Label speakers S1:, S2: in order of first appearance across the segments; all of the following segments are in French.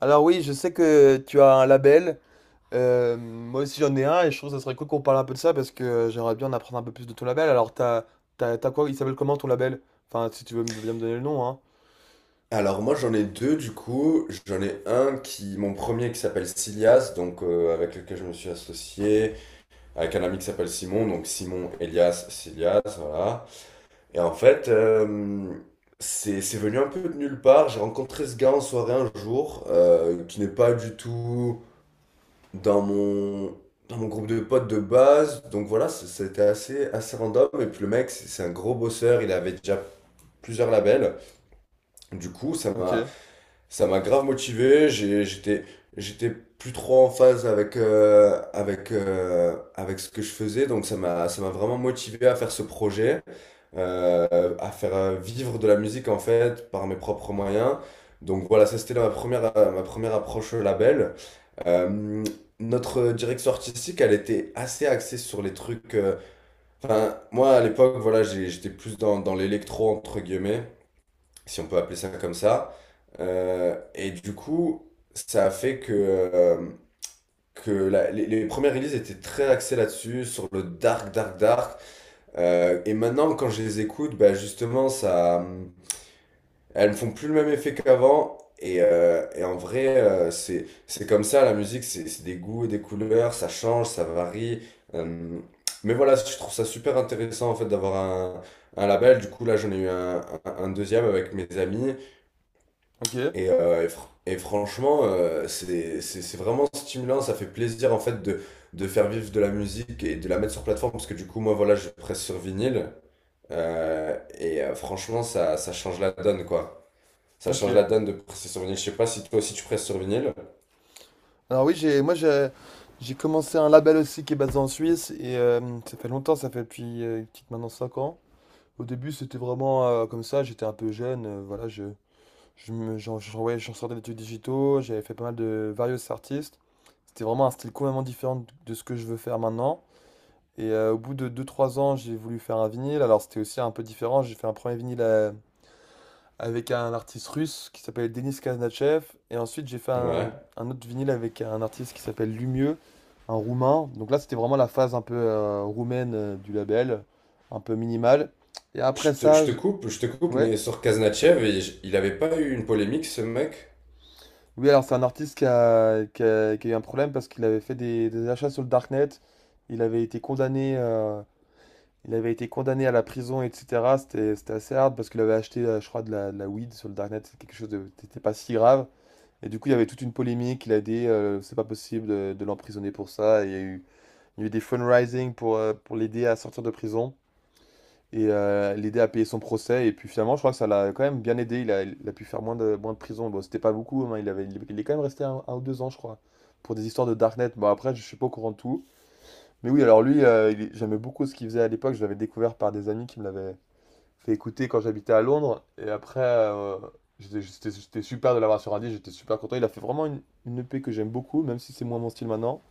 S1: Alors oui, je sais que tu as un label. Moi aussi j'en ai un et je trouve que ça serait cool qu'on parle un peu de ça parce que j'aimerais bien en apprendre un peu plus de ton label. Alors t'as quoi? Il s'appelle comment ton label? Enfin, si tu veux bien me donner le nom, hein.
S2: Alors moi j'en ai deux du coup, j'en ai un qui, mon premier qui s'appelle Silias, donc avec lequel je me suis associé, avec un ami qui s'appelle Simon, donc Simon, Elias, Silias, voilà. Et en fait, c'est venu un peu de nulle part, j'ai rencontré ce gars en soirée un jour, qui n'est pas du tout dans mon, dans mon groupe de potes de base, donc voilà, c'était assez, assez random, et puis le mec c'est un gros bosseur, il avait déjà plusieurs labels, du coup ça
S1: Ok,
S2: m'a... Ça m'a grave motivé, j'étais plus trop en phase avec avec ce que je faisais, donc ça m'a vraiment motivé à faire ce projet, à faire vivre de la musique en fait par mes propres moyens. Donc voilà, ça c'était ma première approche au label. Euh, notre direction artistique, elle était assez axée sur les trucs. Enfin, moi à l'époque, voilà, j'étais plus dans l'électro entre guillemets si on peut appeler ça comme ça. Euh, et du coup, ça a fait que les premières releases étaient très axées là-dessus, sur le dark, dark, dark. Et maintenant, quand je les écoute, bah justement, elles me font plus le même effet qu'avant. Et en vrai, c'est comme ça, la musique, c'est des goûts et des couleurs, ça change, ça varie. Hum, mais voilà, je trouve ça super intéressant en fait un label. Du coup, là, j'en ai eu un deuxième avec mes amis.
S1: ok,
S2: Et franchement, c'est vraiment stimulant, ça fait plaisir en fait de faire vivre de la musique et de la mettre sur plateforme, parce que du coup, moi, voilà, je presse sur vinyle, franchement, ça change la donne, quoi. Ça
S1: ok.
S2: change la donne de presser sur vinyle. Je sais pas si toi aussi tu presses sur vinyle.
S1: Alors oui, moi j'ai commencé un label aussi qui est basé en Suisse et ça fait longtemps, ça fait depuis petite maintenant 5 ans. Au début c'était vraiment comme ça, j'étais un peu jeune, voilà, je me, j'en, j'en- ouais, j'en sortais d'études digitaux, j'avais fait pas mal de various artistes. C'était vraiment un style complètement différent de ce que je veux faire maintenant. Et au bout de deux trois ans, j'ai voulu faire un vinyle. Alors c'était aussi un peu différent. J'ai fait un premier vinyle avec un artiste russe qui s'appelle Denis Kaznachev. Et ensuite, j'ai fait
S2: Ouais.
S1: un autre vinyle avec un artiste qui s'appelle Lumieux, un roumain. Donc là, c'était vraiment la phase un peu roumaine du label, un peu minimale. Et après ça,
S2: Je te coupe,
S1: ouais.
S2: mais sur Kaznachev, il avait pas eu une polémique, ce mec?
S1: Oui, alors c'est un artiste qui a eu un problème parce qu'il avait fait des achats sur le darknet. Il avait été condamné, il avait été condamné à la prison, etc. C'était, c'était assez hard parce qu'il avait acheté, je crois, de la weed sur le darknet. C'est quelque chose de, c'était pas si grave. Et du coup, il y avait toute une polémique. Il a dit, c'est pas possible de l'emprisonner pour ça. Et il y a eu des fundraising pour l'aider à sortir de prison et l'aider à payer son procès. Et puis finalement, je crois que ça l'a quand même bien aidé. Il a pu faire moins de prison. Bon, c'était pas beaucoup, hein. Il est quand même resté un ou deux ans, je crois, pour des histoires de Darknet. Bon, après, je suis pas au courant de tout. Mais oui, alors lui, j'aimais beaucoup ce qu'il faisait à l'époque. Je l'avais découvert par des amis qui me l'avaient fait écouter quand j'habitais à Londres. Et après, j'étais super de l'avoir sur un disque. J'étais super content. Il a fait vraiment une EP que j'aime beaucoup, même si c'est moins mon style maintenant.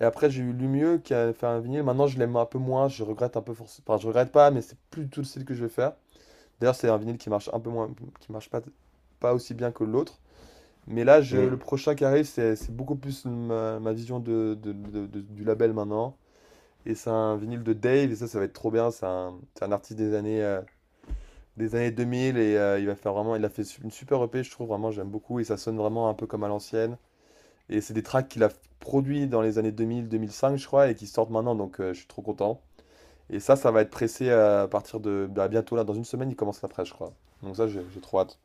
S1: Et après, j'ai eu Lumieux qui a fait un vinyle. Maintenant, je l'aime un peu moins. Je regrette un peu forcément. Enfin, je regrette pas, mais c'est plus du tout le style que je vais faire. D'ailleurs, c'est un vinyle qui marche un peu moins, qui marche pas, pas aussi bien que l'autre. Mais là,
S2: Hmm.
S1: le prochain qui arrive, c'est beaucoup plus ma vision du label maintenant. Et c'est un vinyle de Dave, et ça va être trop bien. C'est un artiste des années 2000, et il va faire vraiment, il a fait une super EP, je trouve vraiment, j'aime beaucoup, et ça sonne vraiment un peu comme à l'ancienne. Et c'est des tracks qu'il a produits dans les années 2000-2005, je crois, et qui sortent maintenant, donc je suis trop content. Et ça va être pressé à partir de bah, bientôt, là, dans une semaine, il commence la presse, je crois. Donc ça, j'ai trop hâte.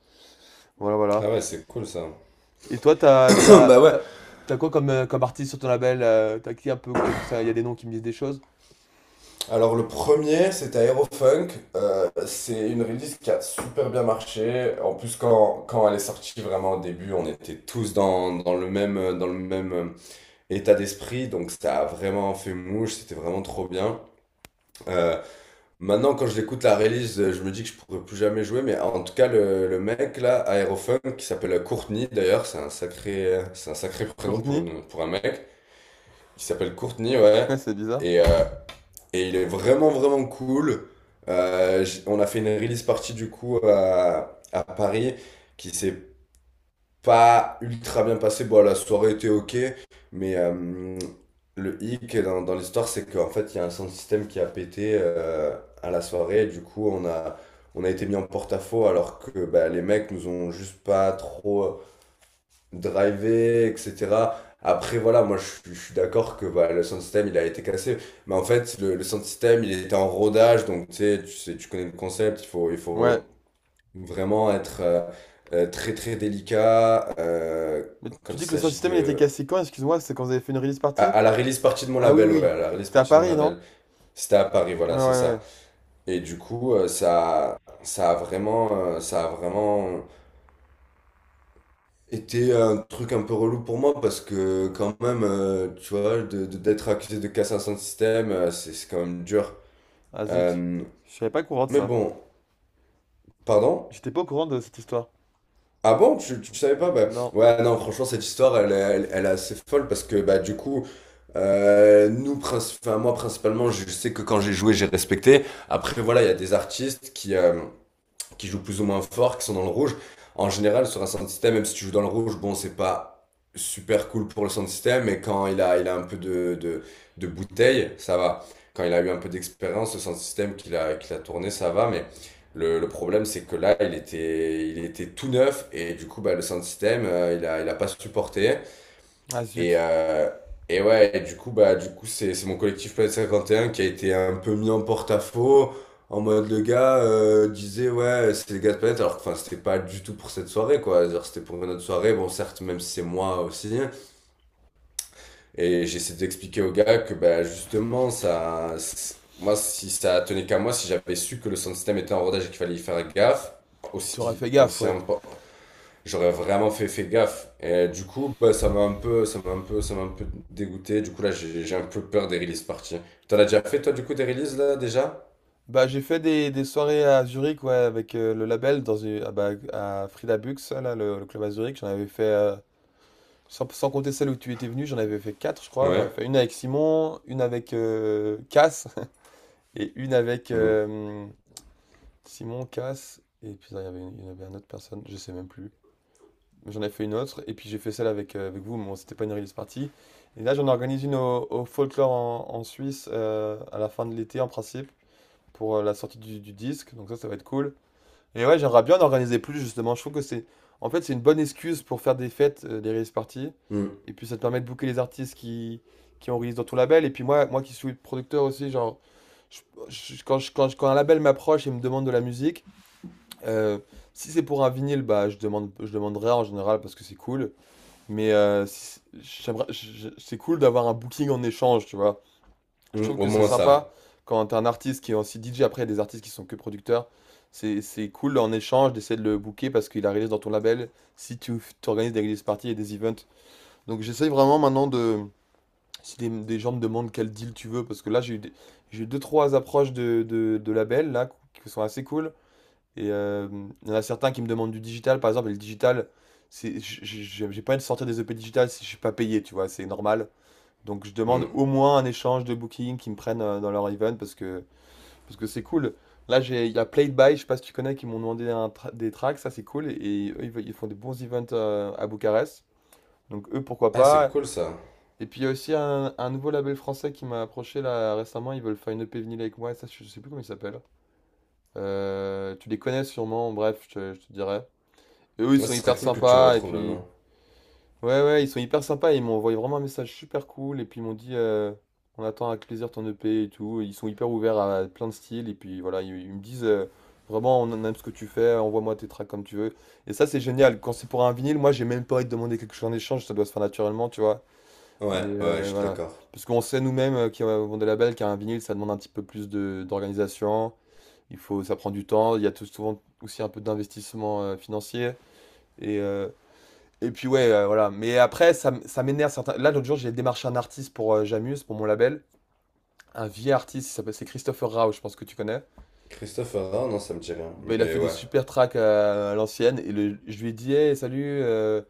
S1: Voilà, voilà.
S2: Ah ouais, c'est cool ça.
S1: Et toi, t'as, t'as,
S2: Bah ouais.
S1: t'as, t'as quoi comme, comme artiste sur ton label? T'as qui un peu? Peut-être que ça, il y a des noms qui me disent des choses.
S2: Alors le premier, c'était Aerofunk. C'est une release qui a super bien marché. En plus, quand elle est sortie vraiment au début, on était tous dans le même état d'esprit. Donc ça a vraiment fait mouche, c'était vraiment trop bien. Euh, maintenant, quand je l'écoute la release, je me dis que je pourrais plus jamais jouer. Mais en tout cas, le mec là, Aerofunk, qui s'appelle Courtney d'ailleurs, c'est un sacré prénom
S1: Courtney?
S2: pour un mec. Qui s'appelle Courtney, ouais.
S1: Ouais, c'est bizarre.
S2: Et euh, et il est vraiment, vraiment cool. On a fait une release party du coup à Paris qui s'est pas ultra bien passée. Bon, la soirée était ok, mais euh, le hic dans l'histoire, c'est qu'en fait, il y a un sound system qui a pété à la soirée. On a été mis en porte-à-faux alors que bah, les mecs nous ont juste pas trop driver, etc. Après, voilà, moi, je suis d'accord que voilà, le sound system, il a été cassé. Mais en fait, le sound system, il était en rodage. Donc, tu sais, tu connais le concept. Il
S1: Ouais.
S2: faut vraiment être très, très délicat
S1: Mais
S2: quand
S1: tu
S2: il
S1: dis que le sound
S2: s'agit
S1: system il était
S2: de...
S1: cassé quand? Excuse-moi, c'est quand vous avez fait une release party?
S2: À la release partie de mon
S1: Ah oui,
S2: label, ouais,
S1: oui.
S2: à la release
S1: C'était à
S2: partie de mon
S1: Paris, non?
S2: label. C'était à Paris,
S1: Ouais,
S2: voilà,
S1: ouais,
S2: c'est ça.
S1: ouais.
S2: Et du coup, ça, ça a vraiment était un truc un peu relou pour moi parce que quand même, tu vois, d'être accusé de cassation de système, c'est quand même dur.
S1: Ah zut.
S2: Euh,
S1: Je savais pas au courant de
S2: mais
S1: ça.
S2: bon, pardon?
S1: J'étais pas au courant de cette histoire.
S2: Ah bon, tu savais pas? Bah,
S1: Non.
S2: ouais, non, franchement, cette histoire, elle, elle est assez folle parce que bah, du coup, nous, enfin, moi principalement, je sais que quand j'ai joué, j'ai respecté. Après, voilà, il y a des artistes qui jouent plus ou moins fort, qui sont dans le rouge. En général, sur un sound system, même si tu joues dans le rouge, bon, c'est pas super cool pour le sound system, mais quand il a un peu de bouteille, ça va. Quand il a eu un peu d'expérience, le sound system qu'il a tourné, ça va, mais le problème, c'est que là, il était tout neuf, et du coup, bah, le sound system, il a pas supporté.
S1: Ah
S2: Et,
S1: zut.
S2: euh, et ouais, et du coup, bah, du coup, c'est mon collectif P S cinquante et un qui a été un peu mis en porte-à-faux. En mode, le gars disait, ouais, c'est les gars de Planète, alors que enfin, c'était pas du tout pour cette soirée, quoi. Cest C'était pour une autre soirée, bon, certes, même si c'est moi aussi. Et j'essaie d'expliquer au gars que, bah, justement, moi, si ça tenait qu'à moi, si j'avais su que le sound system était en rodage et qu'il fallait y faire gaffe,
S1: Tu aurais
S2: aussi,
S1: fait gaffe,
S2: aussi
S1: ouais.
S2: important. J'aurais vraiment fait gaffe. Et du coup, bah, ça m'a un peu dégoûté. Du coup, là, j'ai un peu peur des release parties. T'en as déjà fait, toi, du coup, des releases, là, déjà?
S1: Bah, j'ai fait des soirées à Zurich, ouais, avec le label ah, bah, à Frida Bux, là, le club à Zurich. J'en avais fait sans compter celle où tu étais venu, j'en avais fait quatre, je crois. J'en avais
S2: Ouais.
S1: fait une avec Simon, une avec Cass, et une avec
S2: Mm.
S1: Simon, Cass, et puis là, il y en avait une autre personne, je sais même plus. Mais j'en ai fait une autre, et puis j'ai fait celle avec, avec vous, mais bon, c'était pas une release party. Et là, j'en organise une au Folklore en Suisse à la fin de l'été, en principe, pour la sortie du disque. Donc ça va être cool. Et ouais, j'aimerais bien en organiser plus justement. Je trouve que c'est, en fait, c'est une bonne excuse pour faire des fêtes, des release parties.
S2: Mm.
S1: Et puis ça te permet de booker les artistes qui ont release dans ton label. Et puis moi, moi qui suis producteur aussi, genre, je- quand un label m'approche et me demande de la musique, euh, si c'est pour un vinyle, bah je demanderai en général parce que c'est cool. Mais j'aimerais, c'est cool d'avoir un booking en échange, tu vois. Je
S2: Mm.
S1: trouve
S2: Au
S1: que c'est
S2: moins
S1: sympa
S2: ça.
S1: quand t'as un artiste qui est aussi DJ, après, il y a des artistes qui sont que producteurs. C'est cool en échange d'essayer de le booker parce qu'il a release dans ton label si tu organises des release parties et des events. Donc j'essaye vraiment maintenant de. Si des gens me demandent quel deal tu veux, parce que là j'ai eu deux, trois approches de labels là qui sont assez cool. Et il y en a certains qui me demandent du digital, par exemple, et le digital, j'ai pas envie de sortir des EP digital si je suis pas payé, tu vois, c'est normal. Donc je demande
S2: Mm.
S1: au moins un échange de booking qui me prennent dans leur event parce que c'est cool. Là, j'ai, il y a Played By, je sais pas si tu connais, qui m'ont demandé des tracks, ça c'est cool. Et, eux, ils font des bons events à Bucarest. Donc eux, pourquoi
S2: Ah, c'est
S1: pas.
S2: cool, ça.
S1: Et puis il y a aussi un nouveau label français qui m'a approché là récemment, ils veulent faire une EP vinyle avec moi, et ça je sais plus comment il s'appelle. Tu les connais sûrement, bref, je te dirai. Et eux, ils
S2: Ouais,
S1: sont
S2: ce serait
S1: hyper
S2: cool que tu me
S1: sympas, et
S2: retrouves le
S1: puis...
S2: nom.
S1: Ouais, ouais, ils sont hyper sympas. Ils m'ont envoyé vraiment un message super cool. Et puis ils m'ont dit, on attend avec plaisir ton EP et tout. Ils sont hyper ouverts à plein de styles. Et puis voilà, ils me disent, vraiment, on aime ce que tu fais. Envoie-moi tes tracks comme tu veux. Et ça, c'est génial. Quand c'est pour un vinyle, moi, j'ai même pas envie de demander quelque chose en échange. Ça doit se faire naturellement, tu vois.
S2: Ouais,
S1: Mais
S2: ouais, je suis
S1: voilà.
S2: d'accord.
S1: Parce qu'on sait nous-mêmes qui avons des labels qu'un vinyle, ça demande un petit peu plus d'organisation. Il faut, ça prend du temps. Il y a tout, souvent aussi un peu d'investissement financier. Et, euh, et puis ouais, voilà. Mais après, ça m'énerve certains. Là, l'autre jour, j'ai démarché un artiste pour Jamuse, pour mon label. Un vieil artiste, c'est Christopher Rao, je pense que tu connais.
S2: Christophe Herrard, non, ça me dit rien.
S1: Bah, il a
S2: Mais
S1: fait des
S2: ouais.
S1: super tracks à l'ancienne. Je lui ai dit, hey, salut,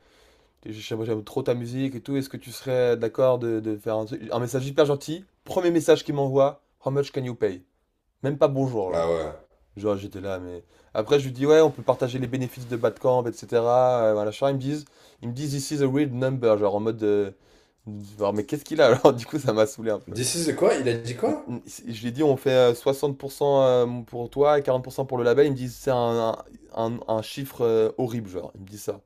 S1: j'aime trop ta musique et tout. Est-ce que tu serais d'accord de faire un truc, un message hyper gentil? Premier message qu'il m'envoie, how much can you pay? Même pas bonjour,
S2: Ah
S1: alors.
S2: ouais.
S1: Genre, j'étais là, mais. Après, je lui dis, ouais, on peut partager les bénéfices de Badcamp, etc. Voilà, machin. Ils me disent, this is a weird number. Genre, en mode. Genre, mais qu'est-ce qu'il a alors? Du coup, ça m'a saoulé un peu.
S2: This is the quoi? Il a dit
S1: Mm,
S2: quoi?
S1: mm. Je lui ai dit, on fait 60% pour toi et 40% pour cent pour le label. Ils me disent, c'est un chiffre horrible, genre. Ils me disent ça.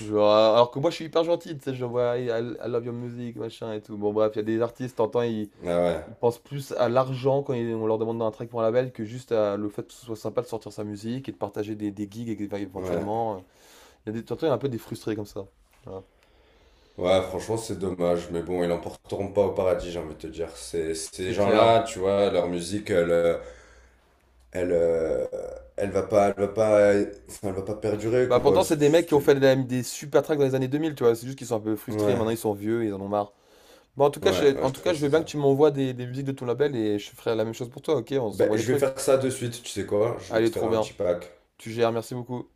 S1: Genre, alors que moi, je suis hyper gentil, tu sais, je vois, I love your music, machin et tout. Bon, bref, il y a des artistes, t'entends, ils
S2: Ah
S1: ils- pensent plus à l'argent quand on leur demande dans un track pour un label que juste à le fait que ce soit sympa de sortir sa musique et de partager des gigs
S2: ouais. Ouais.
S1: éventuellement. Il y a des, t'entends, il y en a un peu des frustrés comme ça. Voilà.
S2: Ouais, franchement, c'est dommage, mais bon, ils l'emporteront pas au paradis, j'ai envie de te dire. Ces, ces
S1: C'est clair.
S2: gens-là, tu vois, leur musique, elle, euh, elle va pas, enfin, elle va pas perdurer,
S1: Bah
S2: quoi.
S1: pourtant, c'est des mecs qui ont
S2: C'est-
S1: fait des super tracks dans les années 2000, tu vois. C'est juste qu'ils sont un peu frustrés,
S2: Ouais,
S1: maintenant ils sont vieux ils en ont marre. Bon, en tout cas,
S2: ouais,
S1: en
S2: je
S1: tout cas, je
S2: pense que
S1: veux
S2: c'est
S1: bien que tu
S2: ça.
S1: m'envoies des musiques de ton label et je ferai la même chose pour toi, ok? On
S2: Ben,
S1: s'envoie des
S2: je vais
S1: trucs.
S2: faire ça de suite, tu sais quoi? Je vais te
S1: Allez,
S2: faire
S1: trop
S2: un
S1: bien.
S2: petit pack.
S1: Tu gères, merci beaucoup.